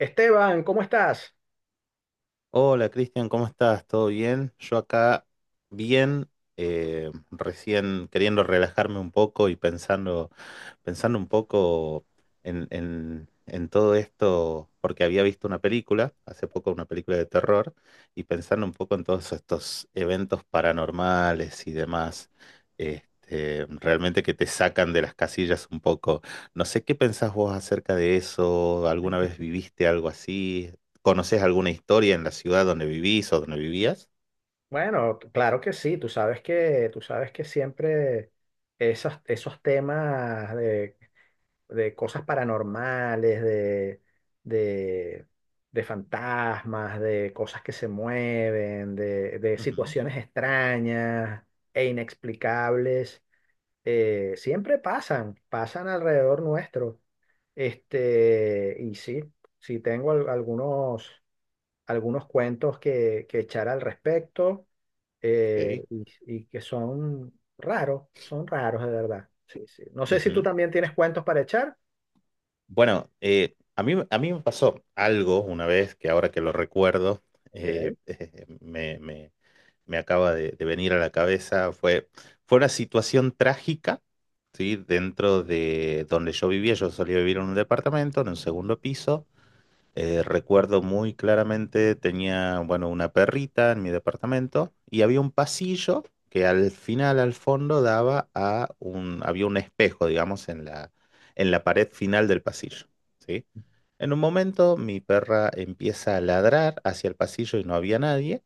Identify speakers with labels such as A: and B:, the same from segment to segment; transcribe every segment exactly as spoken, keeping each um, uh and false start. A: Esteban, ¿cómo estás?
B: Hola Cristian, ¿cómo estás? ¿Todo bien? Yo acá bien, eh, recién queriendo relajarme un poco y pensando pensando un poco en, en- en todo esto, porque había visto una película, hace poco una película de terror, y pensando un poco en todos estos eventos paranormales y demás, este, realmente que te sacan de las casillas un poco. No sé qué pensás vos acerca de eso, ¿alguna vez viviste algo así? ¿Conoces alguna historia en la ciudad donde vivís o donde vivías?
A: Bueno, t- claro que sí, tú sabes que, tú sabes que siempre esas- esos temas de, de cosas paranormales, de, de, de fantasmas, de cosas que se mueven, de, de
B: Ujú,
A: situaciones extrañas e inexplicables, eh, siempre pasan, pasan alrededor nuestro. Este, y sí, sí tengo al- algunos. algunos cuentos que, que echar al respecto, eh,
B: ok,
A: y, y que son raros, son raros de verdad. Sí, sí. No sé si tú
B: ujú.
A: también tienes cuentos para echar.
B: Bueno, eh, a mí, a mí me pasó algo una vez que ahora que lo recuerdo,
A: Ok,
B: eh, eh, me, me- me acaba de, de venir a la cabeza, fue, fue una situación trágica, ¿sí? Dentro de donde yo vivía, yo solía vivir en un departamento, en un segundo piso. Eh, recuerdo muy claramente, tenía, bueno, una perrita en mi departamento y había un pasillo que al final, al fondo, daba a un, había un espejo, digamos, en la, en la pared final del pasillo, ¿sí? En un momento, mi perra empieza a ladrar hacia el pasillo y no había nadie,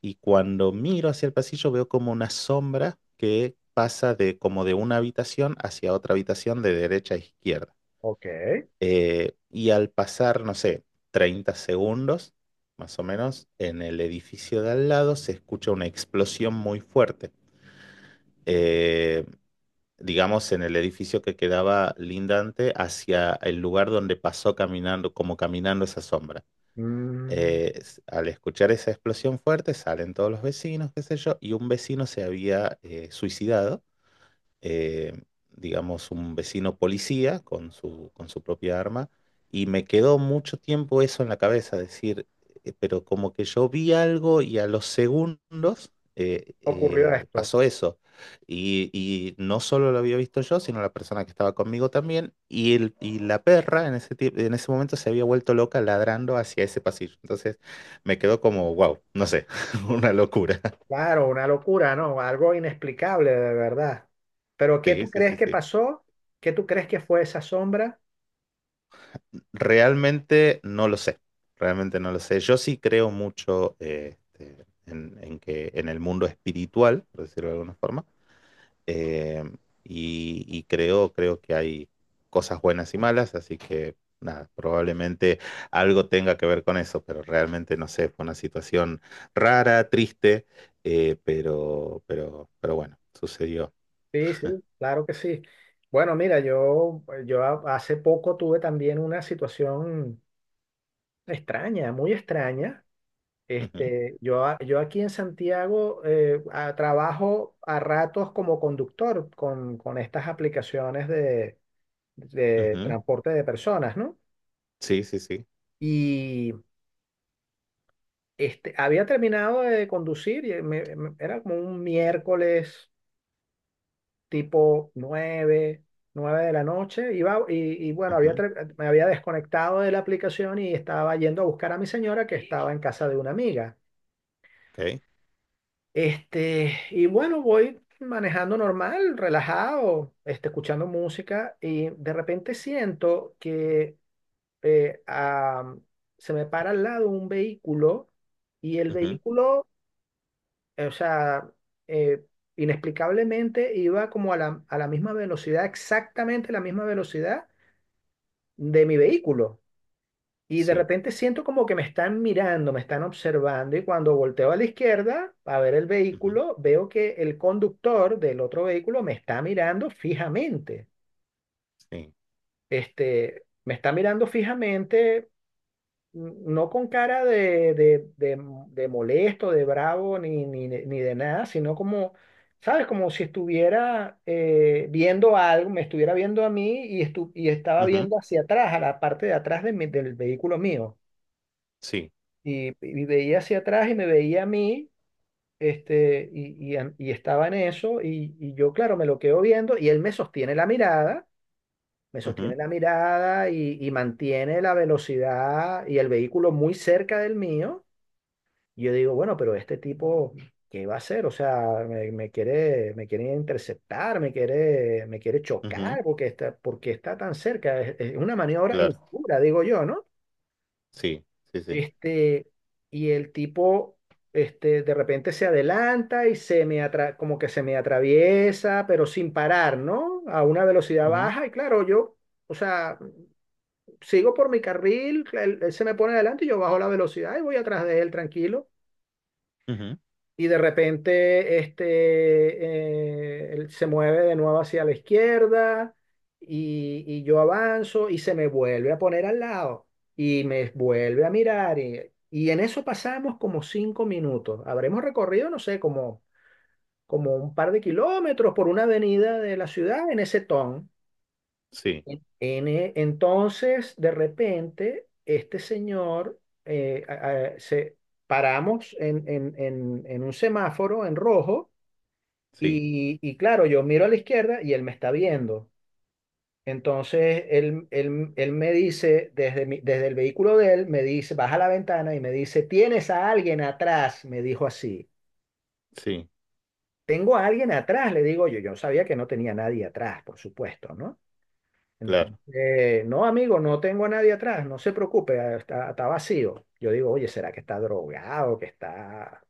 B: y cuando miro hacia el pasillo veo como una sombra que pasa de, como de una habitación hacia otra habitación de derecha a izquierda.
A: ok.
B: Eh, y al pasar, no sé, treinta segundos, más o menos, en el edificio de al lado se escucha una explosión muy fuerte. Eh, digamos, en el edificio que quedaba lindante hacia el lugar donde pasó caminando, como caminando esa sombra.
A: Mm,
B: Eh, s- al escuchar esa explosión fuerte, salen todos los vecinos, qué sé yo, y un vecino se había eh, suicidado, eh, digamos, un vecino policía con su, con su propia arma, y me quedó mucho tiempo eso en la cabeza, decir, eh, pero como que yo vi algo y a los segundos eh,
A: Ocurrió
B: eh,
A: esto.
B: pasó eso. Y, y no solo lo había visto yo, sino la persona que estaba conmigo también, y, el, y la perra en ese, tie- en ese momento se había vuelto loca ladrando hacia ese pasillo. Entonces me quedó como, wow, no sé, una locura.
A: Claro, una locura, ¿no? Algo inexplicable de verdad. Pero ¿qué
B: Sí,
A: tú
B: sí,
A: crees
B: sí,
A: que
B: sí.
A: pasó? ¿Qué tú crees que fue esa sombra?
B: Realmente no lo sé, realmente no lo sé. Yo sí creo mucho eh, este, en, en que en el mundo espiritual, por decirlo de alguna forma, eh, y, y creo, creo que hay cosas buenas y malas, así que nada, probablemente algo tenga que ver con eso, pero realmente no sé, fue una situación rara, triste, eh, pero, pero, pero bueno, sucedió.
A: Sí, sí, claro que sí. Bueno, mira, yo, yo ha- hace poco tuve también una situación extraña, muy extraña. Este, yo, a- yo aquí en Santiago, eh, a- trabajo a ratos como conductor con, con estas aplicaciones de,
B: Ujú,
A: de
B: ujú.
A: transporte de personas, ¿no?
B: Sí, sí, sí.
A: Y este, había terminado de conducir, y me- me- era como un miércoles tipo nueve nueve de la noche, iba, y, y bueno, había,
B: Ujú,
A: ter- me había desconectado de la aplicación y estaba yendo a buscar a mi señora que estaba en casa de una amiga.
B: ok,
A: Este, y bueno, voy manejando normal, relajado, este, escuchando música y de repente siento que eh, ah, se me para al lado un vehículo y el
B: ujú,
A: vehículo, eh, o sea, eh, inexplicablemente iba como a la, a la misma velocidad, exactamente la misma velocidad de mi vehículo. Y de
B: sí.
A: repente siento como que me están mirando, me están observando, y cuando volteo a la izquierda a ver el
B: Ujú,
A: vehículo, veo que el conductor del otro vehículo me está mirando fijamente.
B: sí.
A: Este, me está mirando fijamente, n- no con cara de, de, de, de molesto, de bravo, ni, ni, de- ni de nada, sino como, ¿sabes? Como si estuviera eh, viendo algo, me estuviera viendo a mí y, estu- y estaba
B: Ujú,
A: viendo hacia atrás, a la parte de atrás de mi- del vehículo mío.
B: sí,
A: y, y veía hacia atrás y me veía a mí. Este, y, y, y estaba en eso, y, y yo, claro, me lo quedo viendo, y él me sostiene la mirada, me
B: ujú,
A: sostiene la mirada y, y, mantiene la velocidad y el vehículo muy cerca del mío. Y yo digo, bueno, pero este tipo, ¿qué va a hacer? O sea, me, me quiere, me quiere interceptar, me quiere, me quiere
B: ujú,
A: chocar, porque está, porque está tan cerca. Es, es una maniobra
B: claro,
A: insegura, digo yo, no.
B: sí, sí, sí,
A: Este, y el tipo, este, de repente se adelanta y se me atra- como que se me atraviesa, pero sin parar, ¿no? A una velocidad
B: ujú,
A: baja y claro, yo, o sea, sigo por mi carril, él, él se me pone adelante y yo bajo la velocidad y voy atrás de él tranquilo.
B: ujú,
A: Y de repente este, eh, él se mueve de nuevo hacia la izquierda y, y yo avanzo y se me vuelve a poner al lado y me vuelve a mirar, y, y en eso pasamos como cinco minutos. Habremos recorrido, no sé, como, como un par de kilómetros por una avenida de la ciudad en ese ton.
B: sí,
A: En e- entonces, de repente, este señor, eh, a- a- se, paramos en, en, en, en un semáforo en rojo.
B: sí,
A: Y, y claro, yo miro a la izquierda y él me está viendo. Entonces él, él, él me dice, desde, mi- desde el vehículo de él, me dice, baja la ventana y me dice, ¿tienes a alguien atrás? Me dijo así.
B: sí,
A: Tengo a alguien atrás, le digo yo. Yo sabía que no tenía nadie atrás, por supuesto, ¿no?
B: claro,
A: Entonces, no, amigo, no tengo a nadie atrás, no se preocupe, está, está vacío. Yo digo, oye, ¿será que está drogado, que está,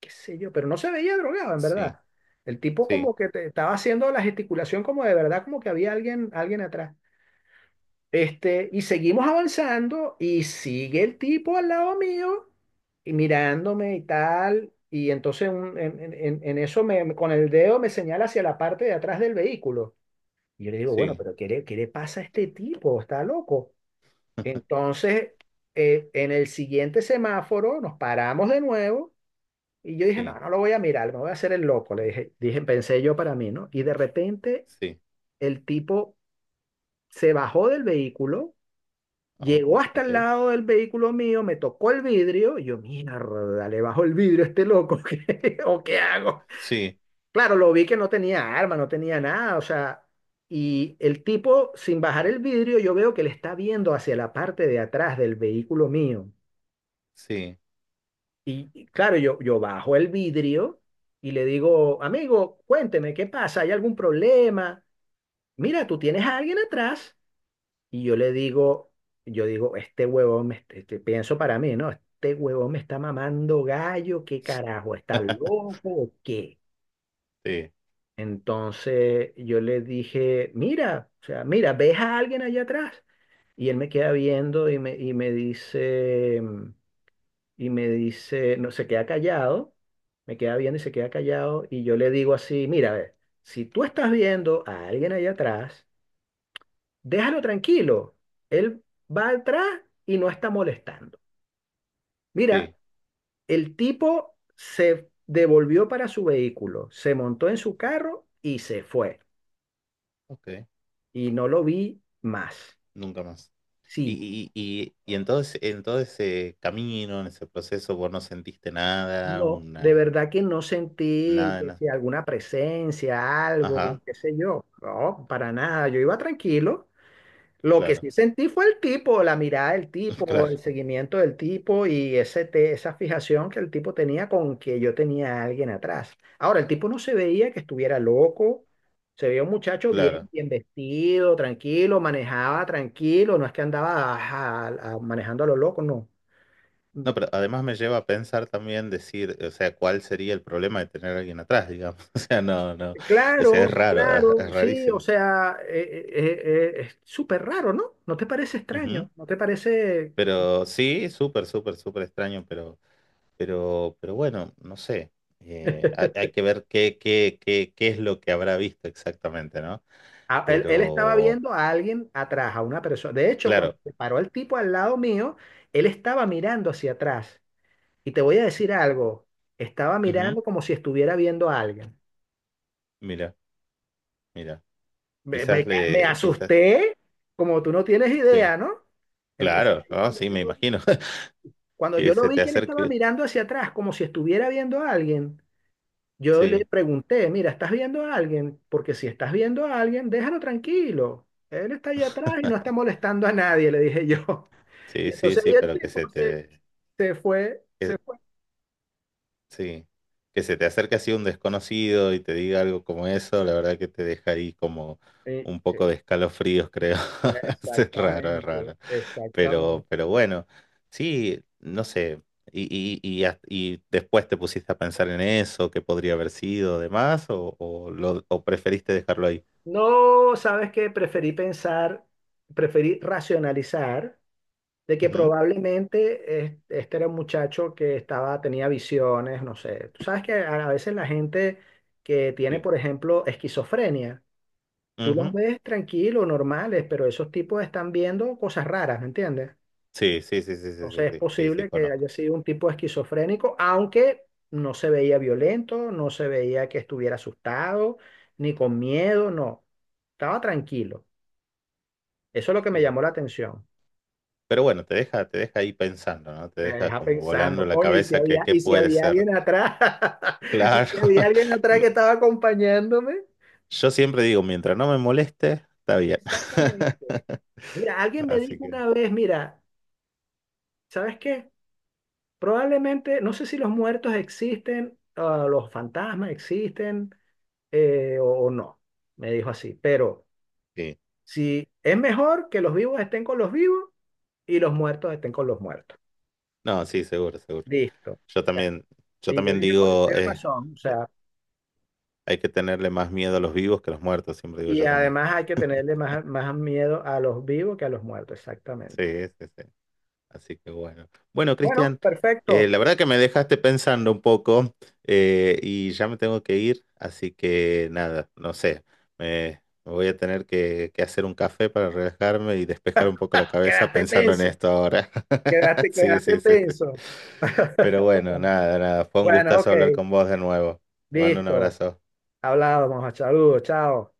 A: qué sé yo? Pero no se veía drogado, en
B: sí,
A: verdad. El tipo
B: sí,
A: como que te- estaba haciendo la gesticulación como de verdad, como que había alguien, alguien atrás. Este, y seguimos avanzando y sigue el tipo al lado mío y mirándome y tal. Y entonces un- en, en- en- en eso me, me- con el dedo me señala hacia la parte de atrás del vehículo. Y yo le digo, bueno,
B: sí,
A: pero ¿qué le, qué le pasa a este tipo? Está loco. Entonces, eh, en el siguiente semáforo nos paramos de nuevo y yo dije,
B: sí,
A: no, no lo voy a mirar, me voy a hacer el loco, le dije, dije, pensé yo para mí, ¿no? Y de repente
B: sí.
A: el tipo se bajó del vehículo,
B: Oh,
A: llegó hasta el
B: ok.
A: lado del vehículo mío, me tocó el vidrio, y yo, mierda, le bajo el vidrio a este loco, ¿qué- ¿o qué hago?
B: Sí,
A: Claro, lo vi que no tenía arma, no tenía nada, o sea, y el tipo, sin bajar el vidrio, yo veo que le está viendo hacia la parte de atrás del vehículo mío.
B: sí,
A: Y y claro, yo, yo bajo el vidrio y le digo, amigo, cuénteme, ¿qué pasa? ¿Hay algún problema? Mira, tú tienes a alguien atrás. Y yo le digo, yo digo, este huevón, me, este- este- pienso para mí, ¿no? Este huevón me está mamando gallo, ¿qué carajo? ¿Está loco o qué?
B: sí,
A: Entonces yo le dije, mira, o sea, mira, ¿ves a alguien allá atrás? Y él me queda viendo y me, y me dice... y me dice, no, se queda callado, me queda viendo y se queda callado, y yo le digo así, mira, a ver, si tú estás viendo a alguien allá atrás, déjalo tranquilo, él va atrás y no está molestando. Mira,
B: sí,
A: el tipo se devolvió para su vehículo, se montó en su carro y se fue,
B: ok,
A: y no lo vi más.
B: nunca más.
A: Sí.
B: Y, y, y, y en todo ese, en todo ese camino, en ese proceso, vos no sentiste nada,
A: No, de
B: una,
A: verdad que no sentí
B: nada, de
A: que
B: nada.
A: si alguna presencia,
B: Ajá,
A: algo, qué sé yo. No, para nada. Yo iba tranquilo. Lo que
B: claro,
A: sí sentí fue el tipo, la mirada del tipo,
B: claro,
A: el seguimiento del tipo y ese te- esa fijación que el tipo tenía con que yo tenía a alguien atrás. Ahora, el tipo no se veía que estuviera loco, se veía un muchacho bien,
B: claro.
A: bien vestido, tranquilo, manejaba tranquilo, no es que andaba ajá, a- manejando a lo loco, no.
B: No, pero además me lleva a pensar también decir, o sea, cuál sería el problema de tener a alguien atrás, digamos. O sea, no, no, o sea,
A: Claro,
B: es raro, es,
A: claro,
B: es
A: sí, o
B: rarísimo.
A: sea, eh, eh, eh, eh, es súper raro, ¿no? ¿No te parece
B: Ujú.
A: extraño? ¿No te parece?
B: Pero sí, súper, súper, súper extraño, pero, pero, pero bueno, no sé. Eh, ha- hay que ver qué, qué, qué, qué es lo que habrá visto exactamente, ¿no?
A: A- él, él estaba
B: Pero,
A: viendo a alguien atrás, a una persona. De hecho, cuando
B: claro,
A: se paró el tipo al lado mío, él estaba mirando hacia atrás. Y te voy a decir algo, estaba
B: ujú.
A: mirando como si estuviera viendo a alguien.
B: Mira, mira,
A: Me, me,
B: quizás
A: ca- me
B: le, quizás,
A: asusté, como tú no tienes
B: sí,
A: idea, ¿no? Entonces,
B: claro,
A: ahí,
B: ¿no?
A: cuando
B: Sí,
A: yo,
B: me
A: lo-
B: imagino
A: cuando
B: que
A: yo lo
B: se
A: vi
B: te
A: que él estaba
B: acerque,
A: mirando hacia atrás, como si estuviera viendo a alguien, yo le
B: sí.
A: pregunté, mira, ¿estás viendo a alguien? Porque si estás viendo a alguien, déjalo tranquilo. Él está ahí atrás y no está molestando a nadie, le dije yo. Y
B: Sí, sí,
A: entonces ahí
B: sí,
A: el
B: pero que
A: tipo
B: se
A: se,
B: te,
A: se fue, se
B: que-
A: fue.
B: sí, que se te acerque así un desconocido y te diga algo como eso, la verdad que te deja ahí como
A: Sí,
B: un
A: sí,
B: poco de escalofríos, creo. Es raro, es
A: exactamente,
B: raro.
A: exactamente.
B: Pero, pero bueno, sí, no sé. Y, y, y, hasta- y después te pusiste a pensar en eso, qué podría haber sido, demás, o, o, lo, o preferiste dejarlo ahí.
A: No, ¿sabes que Preferí pensar, preferí racionalizar de que
B: Ujú,
A: probablemente es- este era un muchacho que estaba, tenía visiones, no sé. Tú sabes que a a veces la gente que tiene,
B: sí.
A: por ejemplo, esquizofrenia, tú los
B: Ujú,
A: ves tranquilos, normales, pero esos tipos están viendo cosas raras, ¿me entiendes?
B: sí, sí, sí, sí, sí, sí,
A: Entonces es
B: sí, sí, sí,
A: posible que
B: conozco.
A: haya sido un tipo esquizofrénico, aunque no se veía violento, no se veía que estuviera asustado, ni con miedo, no. Estaba tranquilo. Eso es lo que me
B: Sí.
A: llamó la atención.
B: Pero bueno, te deja, te deja ahí pensando, ¿no? Te
A: Me
B: deja
A: deja
B: como volando
A: pensando,
B: la
A: coño, y si
B: cabeza que
A: había,
B: qué
A: y si
B: puede
A: había
B: ser.
A: alguien atrás, y
B: Claro.
A: si había alguien atrás que estaba acompañándome.
B: Yo siempre digo, mientras no me moleste, está bien.
A: Exactamente. Mira, alguien me
B: Así
A: dijo
B: que
A: una vez, mira, ¿sabes qué? Probablemente, no sé si los muertos existen, ah, los fantasmas existen, eh, o, o no, me dijo así, pero
B: sí.
A: si es mejor que los vivos estén con los vivos y los muertos estén con los muertos.
B: No, sí, seguro, seguro.
A: Listo. O
B: Yo
A: sea,
B: también, yo
A: y yo
B: también
A: dije, coño,
B: digo,
A: tiene
B: eh,
A: razón, o sea,
B: hay que tenerle más miedo a los vivos que a los muertos, siempre digo
A: y
B: yo también.
A: además hay que tenerle más, más miedo a los vivos que a los muertos,
B: Sí,
A: exactamente.
B: sí, sí. Así que bueno. Bueno,
A: Bueno,
B: Cristian, eh,
A: perfecto.
B: la verdad que me dejaste pensando un poco, eh, y ya me tengo que ir, así que nada, no sé, me, me voy a tener que, que hacer un café para relajarme y despejar un poco la cabeza
A: Quedaste
B: pensando en
A: tenso,
B: esto ahora.
A: quedaste,
B: Sí,
A: quedaste
B: sí, sí, sí.
A: tenso.
B: Pero bueno, nada, nada, fue un
A: Bueno,
B: gustazo
A: ok,
B: hablar con vos de nuevo. Te mando un
A: listo.
B: abrazo.
A: Hablábamos, saludos, chao.